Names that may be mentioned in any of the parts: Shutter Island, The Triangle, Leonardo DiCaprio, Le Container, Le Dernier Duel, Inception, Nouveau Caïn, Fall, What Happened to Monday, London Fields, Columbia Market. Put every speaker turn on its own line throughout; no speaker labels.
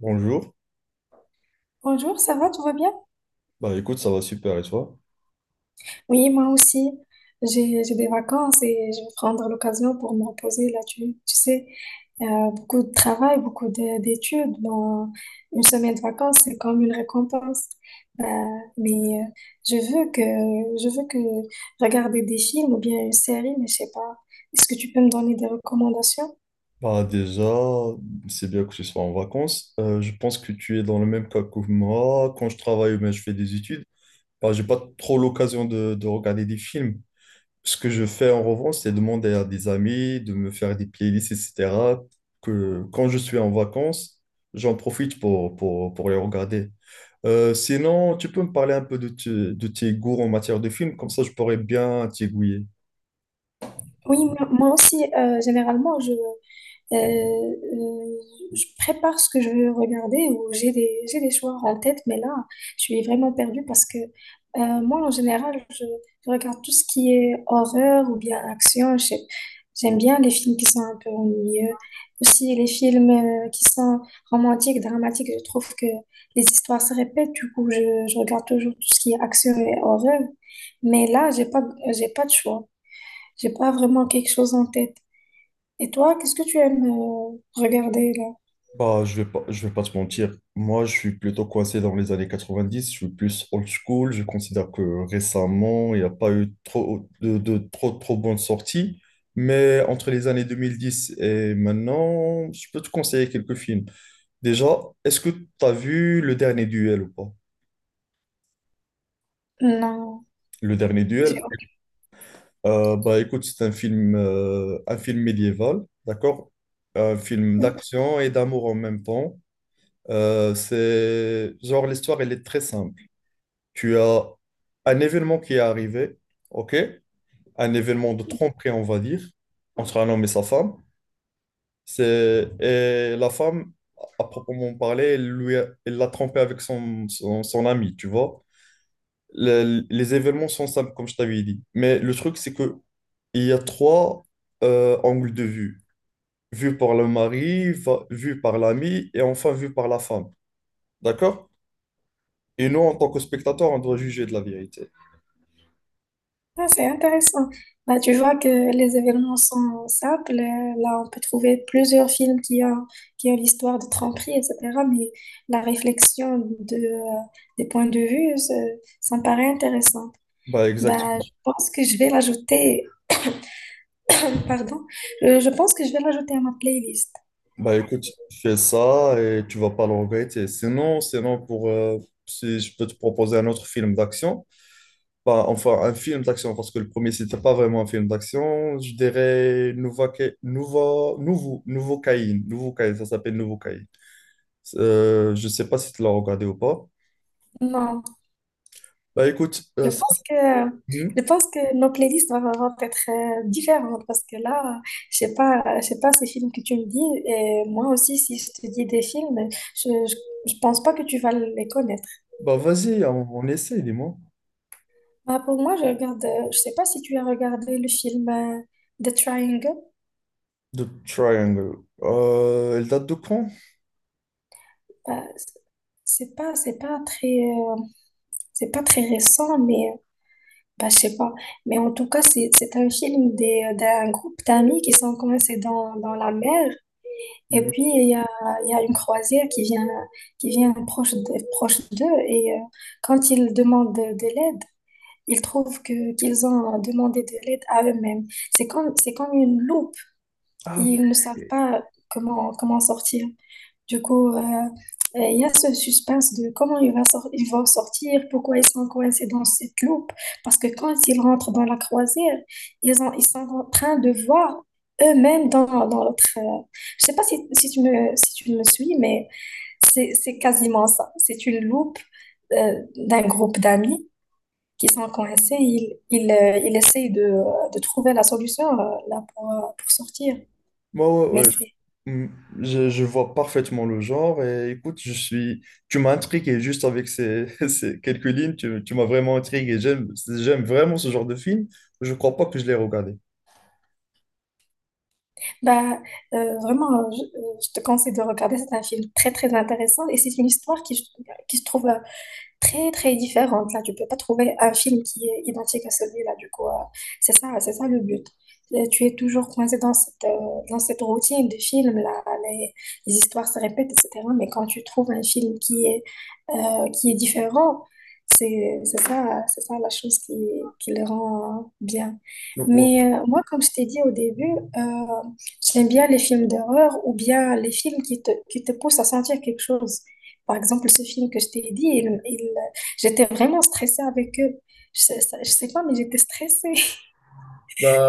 Bonjour.
Bonjour, ça va, tout va bien?
Bah écoute, ça va super et toi?
Oui, moi aussi. J'ai des vacances et je vais prendre l'occasion pour me reposer là. Tu sais, beaucoup de travail, d'études. Bon, une semaine de vacances, c'est comme une récompense. Euh, mais euh, je veux que je veux que regarder des films ou bien une série, mais je sais pas. Est-ce que tu peux me donner des recommandations?
Bah déjà, c'est bien que tu sois en vacances. Je pense que tu es dans le même cas que moi. Quand je travaille, ou mais je fais des études, bah j'ai pas trop l'occasion de regarder des films. Ce que je fais en revanche, c'est demander à des amis de me faire des playlists, etc. Que quand je suis en vacances, j'en profite pour les regarder. Sinon, tu peux me parler un peu de, de tes goûts en matière de films, comme ça je pourrais bien t'aiguiller.
Oui, moi aussi, généralement, Euh, euh, je prépare ce que je veux regarder ou j'ai des choix en tête, mais là, je suis vraiment perdue parce que moi, en général, je regarde tout ce qui est horreur ou bien action. J'aime bien les films qui sont un peu ennuyeux. Aussi, les films qui sont romantiques, dramatiques, je trouve que les histoires se répètent. Du coup, je regarde toujours tout ce qui est action et horreur. Mais là, j'ai pas de choix. J'ai pas vraiment quelque chose en tête. Et toi, qu'est-ce que tu aimes regarder là?
Bah, je vais pas te mentir. Moi, je suis plutôt coincé dans les années 90. Je suis plus old school. Je considère que récemment, il n'y a pas eu trop de trop bonnes sorties. Mais entre les années 2010 et maintenant, je peux te conseiller quelques films. Déjà, est-ce que tu as vu Le Dernier Duel ou pas?
Non,
Le Dernier
j'ai
Duel, bah, écoute, c'est un un film médiéval, d'accord? Un film
oui.
d'action et d'amour en même temps. C'est genre l'histoire, elle est très simple. Tu as un événement qui est arrivé, ok? Un événement de tromperie, on va dire, entre un homme et sa femme. C'est, et la femme, à proprement parler, elle l'a trompé avec son ami, tu vois? Le- les événements sont simples, comme je t'avais dit. Mais le truc, c'est que il y a trois angles de vue. Vu par le mari, vu par l'ami et enfin vu par la femme. D'accord? Et nous, en tant que spectateurs, on doit juger de la vérité.
Ah, c'est intéressant. Bah, tu vois que les événements sont simples. Là, on peut trouver plusieurs films qui ont l'histoire de tromperie, etc. Mais la réflexion de des points de vue, ça me paraît intéressant.
Bah
Bah,
exactement.
je pense que je vais l'ajouter Pardon, je pense que je vais l'ajouter à ma playlist.
Bah écoute, fais ça et tu vas pas le regretter. Sinon pour si je peux te proposer un autre film d'action, bah enfin un film d'action parce que le premier c'était pas vraiment un film d'action, je dirais Nouveau Caïn, ça s'appelle Nouveau Caïn. Je sais pas si tu l'as regardé ou pas.
Non,
Bah écoute,
je
ça,
pense que
hmm.
je pense que nos playlists vont être différentes parce que là, je sais pas ces films que tu me dis et moi aussi si je te dis des films, je je, je pense pas que tu vas les connaître.
Bah vas-y, on essaie, dis-moi.
Bah, pour moi, je sais pas si tu as regardé le film The Triangle.
The Triangle. Elle date de quand?
Bah, c'est pas, c'est pas très, euh, c'est pas très récent, bah, je sais pas. Mais en tout cas, c'est un film d'un groupe d'amis qui sont coincés dans la mer. Et
Hmm.
puis, il y a une croisière qui vient proche d'eux. Et quand ils demandent de l'aide, ils trouvent qu'ils ont demandé de l'aide à eux-mêmes. C'est comme une loupe.
Ah,
Ils ne savent pas comment sortir. Du coup, il y a ce suspense de comment il va sor- ils vont sortir, pourquoi ils sont coincés dans cette loupe. Parce que quand ils rentrent dans la croisière, ils sont en train de voir eux-mêmes dans l'autre. Je sais pas si tu me suis, mais c'est quasiment ça. C'est une loupe d'un groupe d'amis qui sont coincés, ils essayent de trouver la solution pour sortir.
ouais, ouais,
Mais
ouais.
c'est.
Hmm. Je vois parfaitement le genre et écoute, je suis... Tu m'as intrigué juste avec ces, ces quelques lignes, tu m'as vraiment intrigué. J'aime vraiment ce genre de film. Je crois pas que je l'ai regardé.
Bah, je te conseille de regarder. C'est un film très, très intéressant et c'est une histoire qui se trouve très, très différente. Là, tu peux pas trouver un film qui est identique à celui-là. Du coup, c'est ça le but. Tu es toujours coincé dans cette routine de film, les histoires se répètent, etc. Mais quand tu trouves un film qui est différent. C'est ça la chose qui le rend bien.
Ouais.
Mais moi, comme je t'ai dit au début, euh, j'aime bien les films d'horreur ou bien les films qui te poussent à sentir quelque chose. Par exemple, ce film que je t'ai dit, j'étais vraiment stressée avec eux. Je sais pas, mais j'étais stressée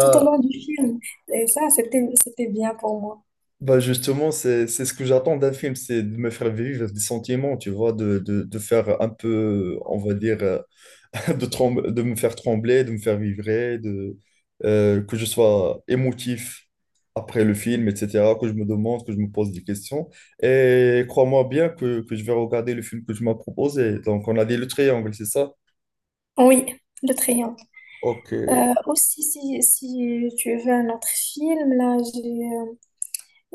tout au long du film. Et ça, c'était bien pour moi.
Bah justement, c'est ce que j'attends d'un film, c'est de me faire vivre des sentiments, tu vois, de faire un peu, on va dire, de me faire trembler, de me faire vibrer, que je sois émotif après le film, etc., que je me demande, que je me pose des questions. Et crois-moi bien que je vais regarder le film que tu m'as proposé. Donc, on a dit le triangle, c'est ça?
Oui, le triangle.
Ok,
Si, si tu veux un autre film, là, j'ai... euh,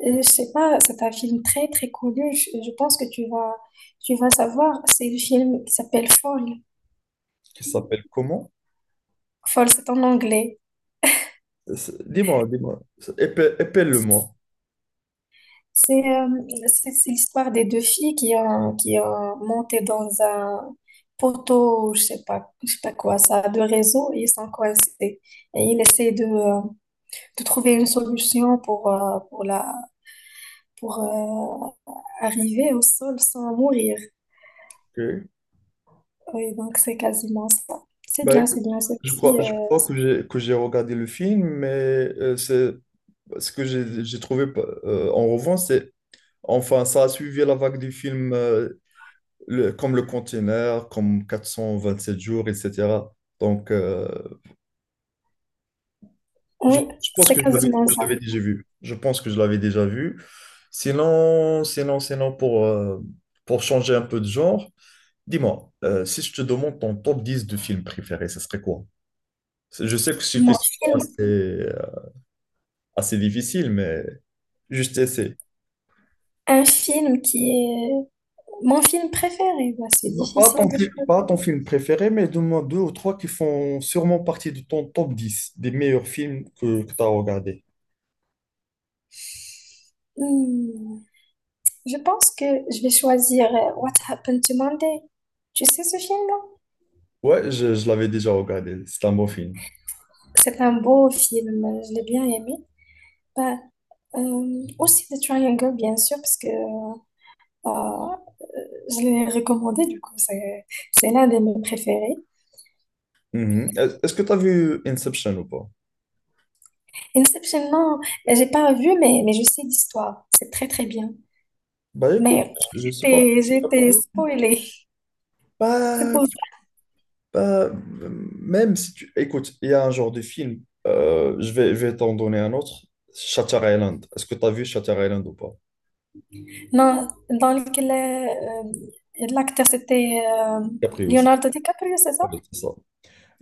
Euh, je sais pas, c'est un film très très connu. Je pense que tu vas savoir. C'est le film qui s'appelle Fall.
qui s'appelle comment?
Fall, c'est en anglais.
Dis-moi, épelle, épelle-le-moi.
C'est euh, c'est l'histoire des deux filles qui ont monté dans un poteau, je sais pas quoi, ça de réseau et ils sont coincés. Et ils essaient de trouver une solution pour arriver au sol sans mourir.
Ok.
Oui, donc c'est quasiment ça.
Bah, écoute,
C'est aussi
je crois que j'ai regardé le film, mais c'est ce que j'ai trouvé en revanche, c'est enfin ça a suivi la vague du film comme Le Container, comme 427 jours, etc. Donc euh, je,
oui,
je pense
c'est
que
quasiment
je
ça.
l'avais déjà vu. Je pense que je l'avais déjà vu. Sinon pour changer un peu de genre, dis-moi, si je te demande ton top 10 de films préférés, ça serait quoi? Je sais que c'est une
Mon
question
film,
assez... Ah, c'est difficile, mais juste essaie.
un film qui est mon film préféré, bah, c'est
Non, pas
difficile
ton,
de
pas
choisir.
ton film préféré, mais donne-moi deux ou trois qui font sûrement partie de ton top 10 des meilleurs films que tu as regardé.
Hmm, je pense que je vais choisir What Happened to Monday. Tu sais ce film-là?
Ouais, je l'avais déjà regardé. C'est un bon film.
C'est un beau film, je l'ai bien aimé. Bah, aussi The Triangle, bien sûr, parce que euh, je l'ai recommandé, du coup, c'est l'un de mes préférés.
Mhm. Est-ce que tu as vu Inception ou pas?
Inception, non, j'ai pas vu, mais je sais l'histoire. C'est très, très bien.
Bah écoute,
Mais
je sais pas.
j'étais spoilée. C'est
Pas,
pour ça.
pas, euh, même si tu... Écoute, il y a un genre de film, je vais t'en donner un autre, Shutter Island. Est-ce que tu as vu Shutter Island ou pas?
Non, dans lequel l'acteur c'était
Capri aussi.
Leonardo DiCaprio, c'est
Ouais,
ça?
c'est ça.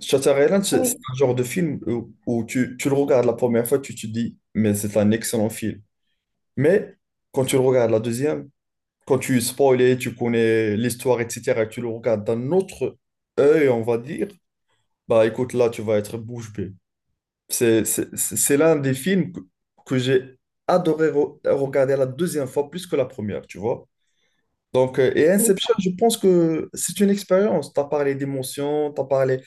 Shutter Island, c'est
Oui.
un genre de film où tu le regardes la première fois, tu te dis, mais c'est un excellent film. Mais quand tu le regardes la deuxième, quand tu es spoilé, tu connais l'histoire, etc., et tu le regardes d'un autre œil, on va dire, bah écoute, là, tu vas être bouche bée. C'est l'un des films que j'ai adoré regarder la deuxième fois plus que la première, tu vois. Donc, et Inception, je pense que c'est une expérience. Tu as parlé d'émotions, tu as parlé...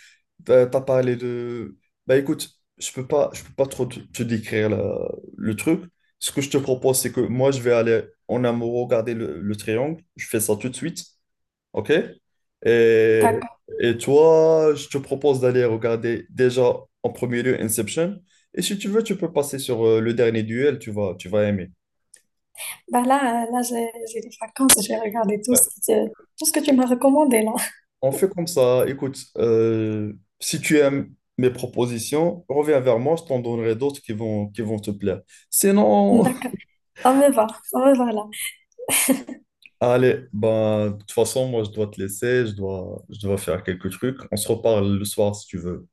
T'as parlé de... Bah écoute, je peux pas trop te décrire le truc. Ce que je te propose, c'est que moi, je vais aller en amont regarder le triangle. Je fais ça tout de suite, ok? Et,
D'accord.
et toi, je te propose d'aller regarder déjà en premier lieu Inception. Et si tu veux, tu peux passer sur le dernier duel, tu vas aimer.
Bah là, j'ai des vacances, je vais regarder
Ouais.
tout ce que tu m'as recommandé là.
On fait comme ça. Écoute, si tu aimes mes propositions, reviens vers moi, je t'en donnerai d'autres qui vont te plaire. Sinon,
D'accord. Ça me va là.
allez, ben, de toute façon, moi, je dois te laisser, je dois faire quelques trucs. On se reparle le soir si tu veux.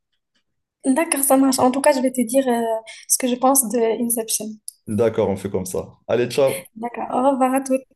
D'accord, ça marche. En tout cas, je vais te dire ce que je pense de Inception.
D'accord, on fait comme ça. Allez, ciao.
D'accord. Au revoir à tous.